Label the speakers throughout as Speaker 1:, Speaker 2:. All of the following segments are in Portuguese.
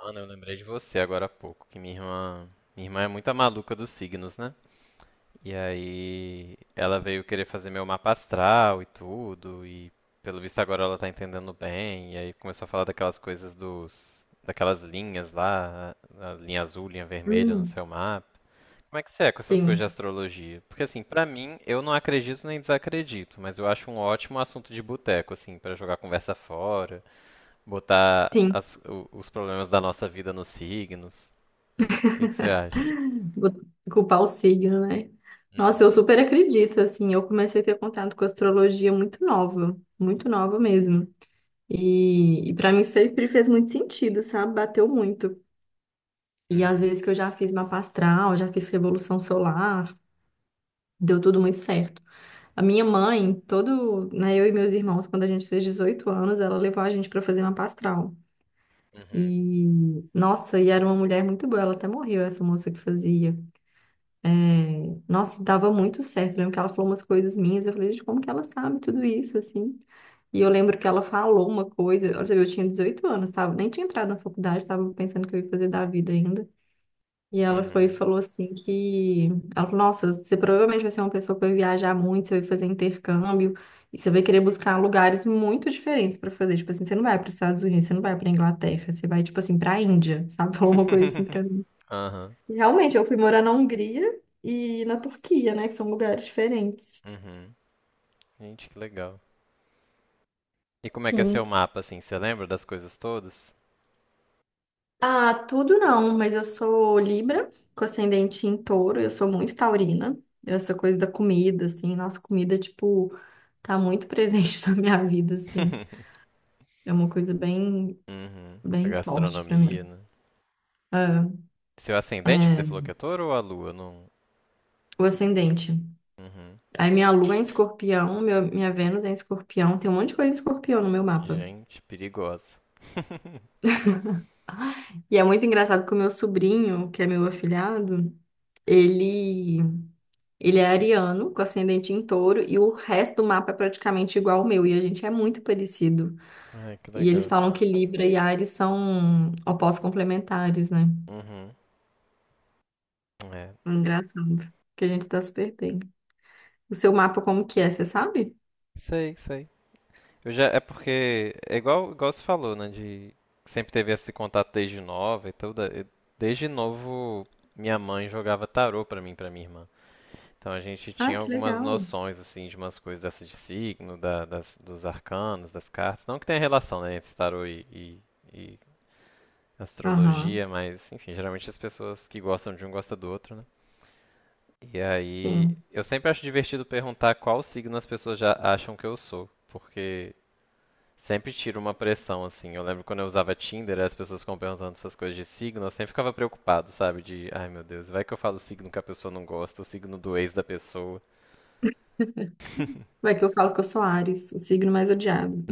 Speaker 1: Ana, eu lembrei de você agora há pouco, que minha irmã é muito a maluca dos signos, né? E aí ela veio querer fazer meu mapa astral e tudo, e pelo visto agora ela tá entendendo bem, e aí começou a falar daquelas coisas dos, daquelas linhas lá, a linha azul, linha vermelha no
Speaker 2: Hum,
Speaker 1: seu mapa. Como é que você é com essas coisas
Speaker 2: sim,
Speaker 1: de astrologia? Porque assim, pra mim, eu não acredito nem desacredito, mas eu acho um ótimo assunto de boteco, assim, pra jogar conversa fora. Botar
Speaker 2: sim.
Speaker 1: os problemas da nossa vida nos signos. O que que você acha?
Speaker 2: Vou culpar o signo, né? Nossa, eu
Speaker 1: Uhum.
Speaker 2: super acredito, assim, eu comecei a ter contato com astrologia muito nova mesmo. E para mim sempre fez muito sentido, sabe? Bateu muito. E às
Speaker 1: Uhum.
Speaker 2: vezes que eu já fiz mapa astral, já fiz revolução solar, deu tudo muito certo. A minha mãe, todo, né, eu e meus irmãos, quando a gente fez 18 anos, ela levou a gente para fazer mapa astral.
Speaker 1: Uhum.
Speaker 2: E, nossa, e era uma mulher muito boa, ela até morreu, essa moça que fazia. É, nossa, dava muito certo. Eu lembro que ela falou umas coisas minhas. Eu falei, gente, como que ela sabe tudo isso, assim? E eu lembro que ela falou uma coisa. Olha, você vê, eu tinha 18 anos, tava, nem tinha entrado na faculdade, tava pensando o que eu ia fazer da vida ainda. E ela foi e
Speaker 1: Uhum.
Speaker 2: falou assim que... Ela falou, nossa, você provavelmente vai ser uma pessoa que vai viajar muito, você vai fazer intercâmbio, e você vai querer buscar lugares muito diferentes para fazer. Tipo assim, você não vai para os Estados Unidos, você não vai para Inglaterra, você vai, tipo assim, para a Índia, sabe? Falou uma coisa assim para
Speaker 1: Aham.
Speaker 2: Realmente, eu fui morar na Hungria e na Turquia, né? Que são lugares diferentes.
Speaker 1: Uhum. Gente, que legal. E como é que é seu
Speaker 2: Sim.
Speaker 1: mapa, assim? Você lembra das coisas todas?
Speaker 2: Ah, tudo não, mas eu sou Libra, com ascendente em touro, eu sou muito taurina. Essa coisa da comida, assim, nossa comida, tipo, tá muito presente na minha vida, assim. É uma coisa bem,
Speaker 1: Uhum. A
Speaker 2: bem forte pra mim.
Speaker 1: gastronomia, né?
Speaker 2: Ah,
Speaker 1: Seu ascendente que você falou
Speaker 2: é
Speaker 1: que é touro ou a lua? Não.
Speaker 2: o ascendente.
Speaker 1: Uhum.
Speaker 2: Aí minha lua é em escorpião, minha Vênus é em escorpião, tem um monte de coisa em escorpião no meu mapa.
Speaker 1: Gente, perigosa.
Speaker 2: E é muito engraçado que o meu sobrinho, que é meu afilhado, Ele, ele é ariano, com ascendente em touro, e o resto do mapa é praticamente igual ao meu, e a gente é muito parecido.
Speaker 1: Ai, que
Speaker 2: E eles
Speaker 1: legal.
Speaker 2: falam que Libra e Ares são opostos complementares, né?
Speaker 1: Uhum. É.
Speaker 2: Engraçado, que a gente tá super bem. O seu mapa como que é, você sabe?
Speaker 1: Sei, sei. Eu já, é porque é igual, igual você falou, né? De sempre teve esse contato desde nova e tudo. Desde novo, minha mãe jogava tarô pra mim, e pra minha irmã. Então a gente
Speaker 2: Ah,
Speaker 1: tinha
Speaker 2: que
Speaker 1: algumas
Speaker 2: legal.
Speaker 1: noções assim de umas coisas dessas de signo, dos arcanos, das cartas. Não que tenha relação, né, entre tarô e
Speaker 2: Aham,
Speaker 1: astrologia, mas enfim, geralmente as pessoas que gostam de um gostam do outro, né? E aí,
Speaker 2: sim.
Speaker 1: eu sempre acho divertido perguntar qual signo as pessoas já acham que eu sou, porque sempre tira uma pressão, assim. Eu lembro quando eu usava Tinder, as pessoas ficam perguntando essas coisas de signo, eu sempre ficava preocupado, sabe? De, ai meu Deus, vai que eu falo o signo que a pessoa não gosta, o signo do ex da pessoa.
Speaker 2: Vai que eu falo que eu sou Ares, o signo mais odiado.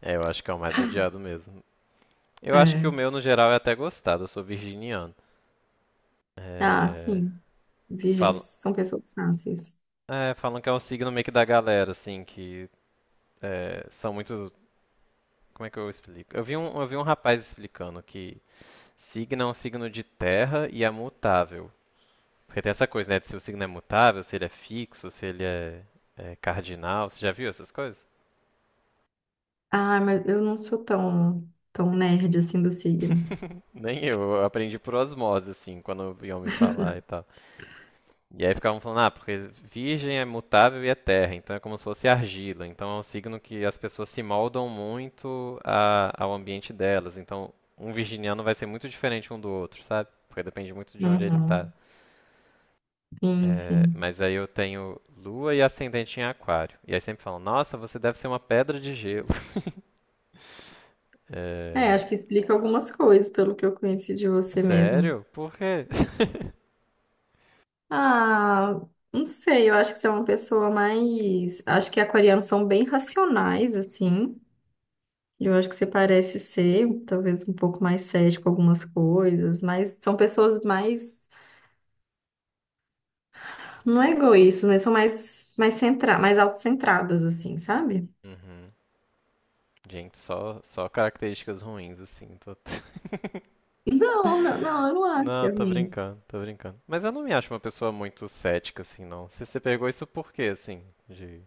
Speaker 1: É, eu acho que é o mais odiado mesmo. Eu acho que o
Speaker 2: É.
Speaker 1: meu, no geral, é até gostado, eu sou virginiano.
Speaker 2: Ah,
Speaker 1: É,
Speaker 2: sim. Virgens
Speaker 1: falam,
Speaker 2: são pessoas fáceis.
Speaker 1: é, falam que é um signo meio que da galera, assim, que é, são muito. Como é que eu explico? Eu vi um rapaz explicando que signo é um signo de terra e é mutável. Porque tem essa coisa, né? De se o signo é mutável, se ele é fixo, se ele é, é cardinal. Você já viu essas coisas?
Speaker 2: Ah, mas eu não sou tão, tão nerd assim dos signos.
Speaker 1: Nem eu, eu aprendi por osmose, assim, quando iam me falar e tal. E aí ficavam falando, ah, porque virgem é mutável e é terra, então é como se fosse argila. Então é um signo que as pessoas se moldam muito ao ambiente delas. Então um virginiano vai ser muito diferente um do outro, sabe? Porque depende muito de onde ele tá.
Speaker 2: Uhum. Sim,
Speaker 1: É,
Speaker 2: sim.
Speaker 1: mas aí eu tenho lua e ascendente em aquário. E aí sempre falam, nossa, você deve ser uma pedra de gelo.
Speaker 2: É,
Speaker 1: É...
Speaker 2: acho que explica algumas coisas pelo que eu conheci de você mesmo.
Speaker 1: Sério? Por quê?
Speaker 2: Ah, não sei, eu acho que você é uma pessoa mais. Acho que aquarianos são bem racionais, assim. Eu acho que você parece ser, talvez, um pouco mais cético com algumas coisas, mas são pessoas mais. Não é egoístas, mas são mais, centra... mais autocentradas, assim, sabe?
Speaker 1: Uhum. Gente, só, só características ruins, assim. Tô...
Speaker 2: Não, não, não, eu não acho que
Speaker 1: não,
Speaker 2: é
Speaker 1: tô
Speaker 2: ruim.
Speaker 1: brincando, tô brincando. Mas eu não me acho uma pessoa muito cética, assim, não. Você pegou isso por quê, assim? De...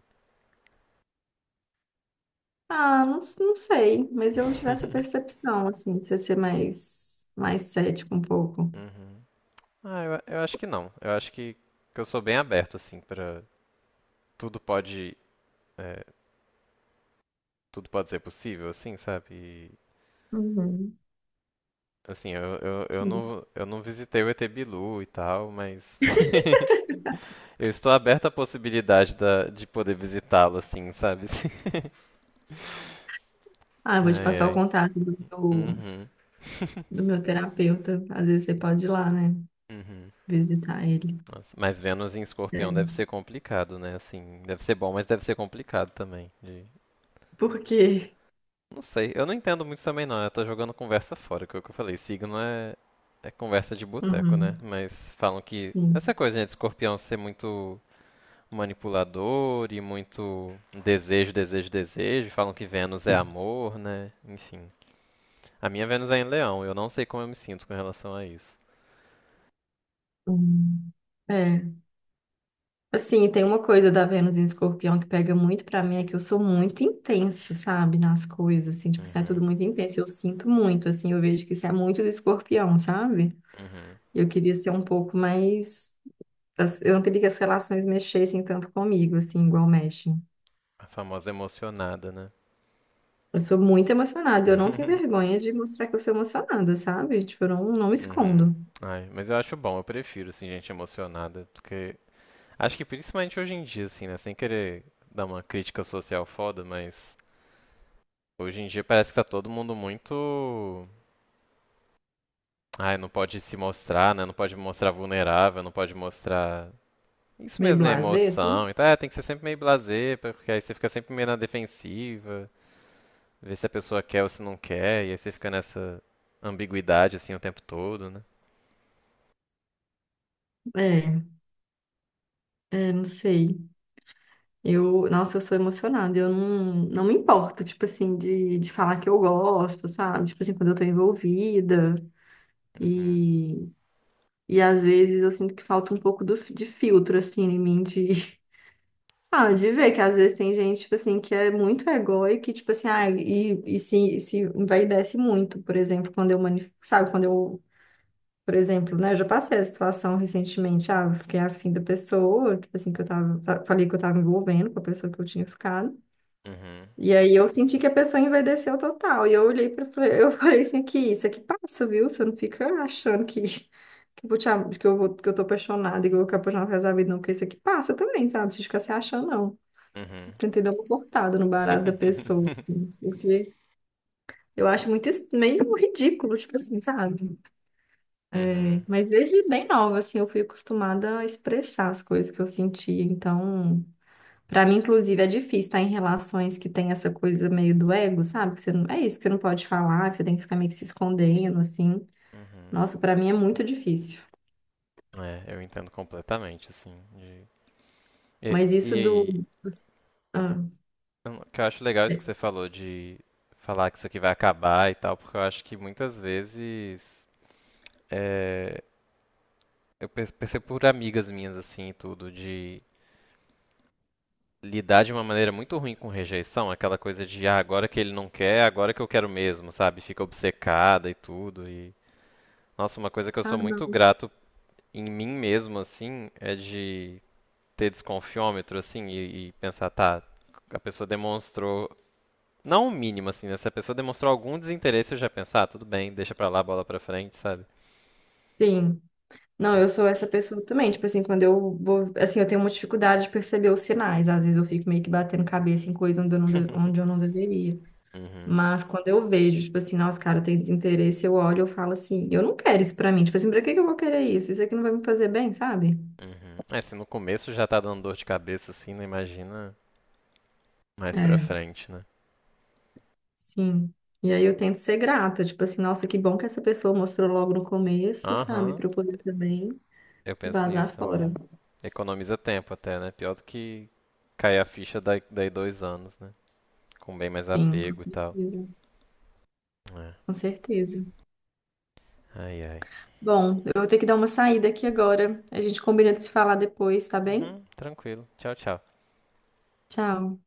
Speaker 2: Ah, não, não sei, mas eu tive essa percepção, assim, de você ser mais cético um pouco.
Speaker 1: Uhum. Ah, eu acho que não. Eu acho que eu sou bem aberto, assim, pra... Tudo pode... é, tudo pode ser possível, assim, sabe? E,
Speaker 2: Uhum.
Speaker 1: assim, eu não visitei o ET Bilu e tal, mas... Eu estou aberta à possibilidade da, de poder visitá-lo, assim, sabe?
Speaker 2: Ah, eu vou te
Speaker 1: Ai,
Speaker 2: passar o
Speaker 1: ai.
Speaker 2: contato
Speaker 1: Uhum.
Speaker 2: do meu terapeuta. Às vezes você pode ir lá, né?
Speaker 1: Uhum.
Speaker 2: Visitar ele.
Speaker 1: Nossa, mas Vênus em Escorpião
Speaker 2: É.
Speaker 1: deve ser complicado, né? Assim, deve ser bom, mas deve ser complicado também. De-
Speaker 2: Por quê?
Speaker 1: Não sei, eu não entendo muito também não. Eu tô jogando conversa fora, que é o que eu falei. Signo é, é conversa de boteco, né?
Speaker 2: Uhum,
Speaker 1: Mas falam que
Speaker 2: sim.
Speaker 1: essa coisa, né, de Escorpião ser muito manipulador e muito desejo, desejo, desejo. Falam que Vênus é amor, né? Enfim, a minha Vênus é em Leão, eu não sei como eu me sinto com relação a isso.
Speaker 2: Hum. É. Assim, tem uma coisa da Vênus em Escorpião que pega muito pra mim, é que eu sou muito intensa, sabe? Nas coisas, assim, tipo, assim, é
Speaker 1: Uhum.
Speaker 2: tudo muito intenso. Eu sinto muito, assim, eu vejo que isso é muito do Escorpião, sabe?
Speaker 1: Uhum.
Speaker 2: Eu queria ser um pouco mais. Eu não queria que as relações mexessem tanto comigo, assim, igual mexem.
Speaker 1: A famosa emocionada, né?
Speaker 2: Eu sou muito emocionada, eu não tenho vergonha de mostrar que eu sou emocionada, sabe? Tipo, eu não, não me
Speaker 1: Uhum.
Speaker 2: escondo.
Speaker 1: Ai, mas eu acho bom, eu prefiro, assim, gente emocionada, porque acho que principalmente hoje em dia, assim, né, sem querer dar uma crítica social foda, mas hoje em dia parece que tá todo mundo muito, ai, não pode se mostrar, né, não pode mostrar vulnerável, não pode mostrar isso
Speaker 2: Meio
Speaker 1: mesmo, né,
Speaker 2: blasé, assim.
Speaker 1: emoção, então é, tem que ser sempre meio blasé, porque aí você fica sempre meio na defensiva. Ver se a pessoa quer ou se não quer, e aí você fica nessa ambiguidade assim o tempo todo, né?
Speaker 2: É, é, não sei. Eu, nossa, eu sou emocionada, eu não, não me importo, tipo assim, de falar que eu gosto, sabe? Tipo assim, quando eu tô envolvida.
Speaker 1: Uhum.
Speaker 2: E, e às vezes eu sinto que falta um pouco do, de filtro, assim, em mim, de Ah, de ver que às vezes tem gente, tipo assim, que é muito egóica e, tipo assim, ah, e se envaidece muito, por exemplo, quando eu manif... sabe, quando eu, por exemplo, né, eu já passei a situação recentemente, ah, eu fiquei afim da pessoa, tipo assim, que eu tava, falei que eu tava envolvendo com a pessoa que eu tinha ficado,
Speaker 1: Uhum.
Speaker 2: e aí eu senti que a pessoa envaideceu total, e eu olhei pra, eu falei assim, aqui, isso aqui passa, viu, você não fica achando que... Que eu, vou te, eu vou, que eu tô apaixonada, e que eu vou ficar apaixonada pro resto da vida, não, porque isso aqui passa também, sabe? Não precisa ficar se achando, não.
Speaker 1: Uhum.
Speaker 2: Tentei dar uma cortada no barato da pessoa, assim, porque eu acho muito meio ridículo, tipo assim, sabe? É,
Speaker 1: Uhum.
Speaker 2: mas desde bem nova, assim, eu fui acostumada a expressar as coisas que eu sentia. Então, pra mim, inclusive, é difícil estar em relações que tem essa coisa meio do ego, sabe? Que você não, é isso que você não pode falar, que você tem que ficar meio que se escondendo, assim.
Speaker 1: Uhum.
Speaker 2: Nossa, pra mim é muito difícil.
Speaker 1: É, eu entendo completamente, assim. De- E,
Speaker 2: Mas
Speaker 1: e
Speaker 2: isso do,
Speaker 1: aí,
Speaker 2: dos- ah,
Speaker 1: eu- o que eu acho legal é isso que
Speaker 2: é-
Speaker 1: você falou de falar que isso aqui vai acabar e tal, porque eu acho que muitas vezes é, eu perce- percebo por amigas minhas, assim, e tudo, de lidar de uma maneira muito ruim com rejeição, aquela coisa de ah, agora que ele não quer, agora que eu quero mesmo, sabe? Fica obcecada e tudo. E nossa, uma coisa que eu sou muito
Speaker 2: não.
Speaker 1: grato em mim mesmo assim é de ter desconfiômetro assim e pensar, tá, a pessoa demonstrou não o mínimo assim, né? Se a pessoa demonstrou algum desinteresse, eu já penso, ah, tudo bem, deixa pra lá, bola pra frente, sabe?
Speaker 2: Sim. Não, eu sou essa pessoa também. Tipo assim, quando eu vou. Assim, eu tenho uma dificuldade de perceber os sinais. Às vezes eu fico meio que batendo cabeça em coisa onde eu não, onde eu não deveria.
Speaker 1: Uhum.
Speaker 2: Mas quando eu vejo, tipo assim, nossa, cara, tem desinteresse, eu olho, eu falo assim, eu não quero isso pra mim. Tipo assim, pra que que eu vou querer isso? Isso aqui não vai me fazer bem, sabe?
Speaker 1: Uhum. É, se no começo já tá dando dor de cabeça assim, não imagina mais pra
Speaker 2: É,
Speaker 1: frente, né?
Speaker 2: sim. E aí eu tento ser grata. Tipo assim, nossa, que bom que essa pessoa mostrou logo no começo, sabe?
Speaker 1: Aham.
Speaker 2: Pra eu poder também
Speaker 1: Eu penso
Speaker 2: vazar
Speaker 1: nisso também.
Speaker 2: fora.
Speaker 1: Economiza tempo até, né? Pior do que cair a ficha daí, daí dois anos, né? Com bem mais
Speaker 2: Sim, com
Speaker 1: apego e tal.
Speaker 2: certeza.
Speaker 1: É.
Speaker 2: Com certeza.
Speaker 1: Ai, ai.
Speaker 2: Bom, eu vou ter que dar uma saída aqui agora. A gente combina de se falar depois, tá bem?
Speaker 1: Uhum, tranquilo. Tchau, tchau.
Speaker 2: Tchau.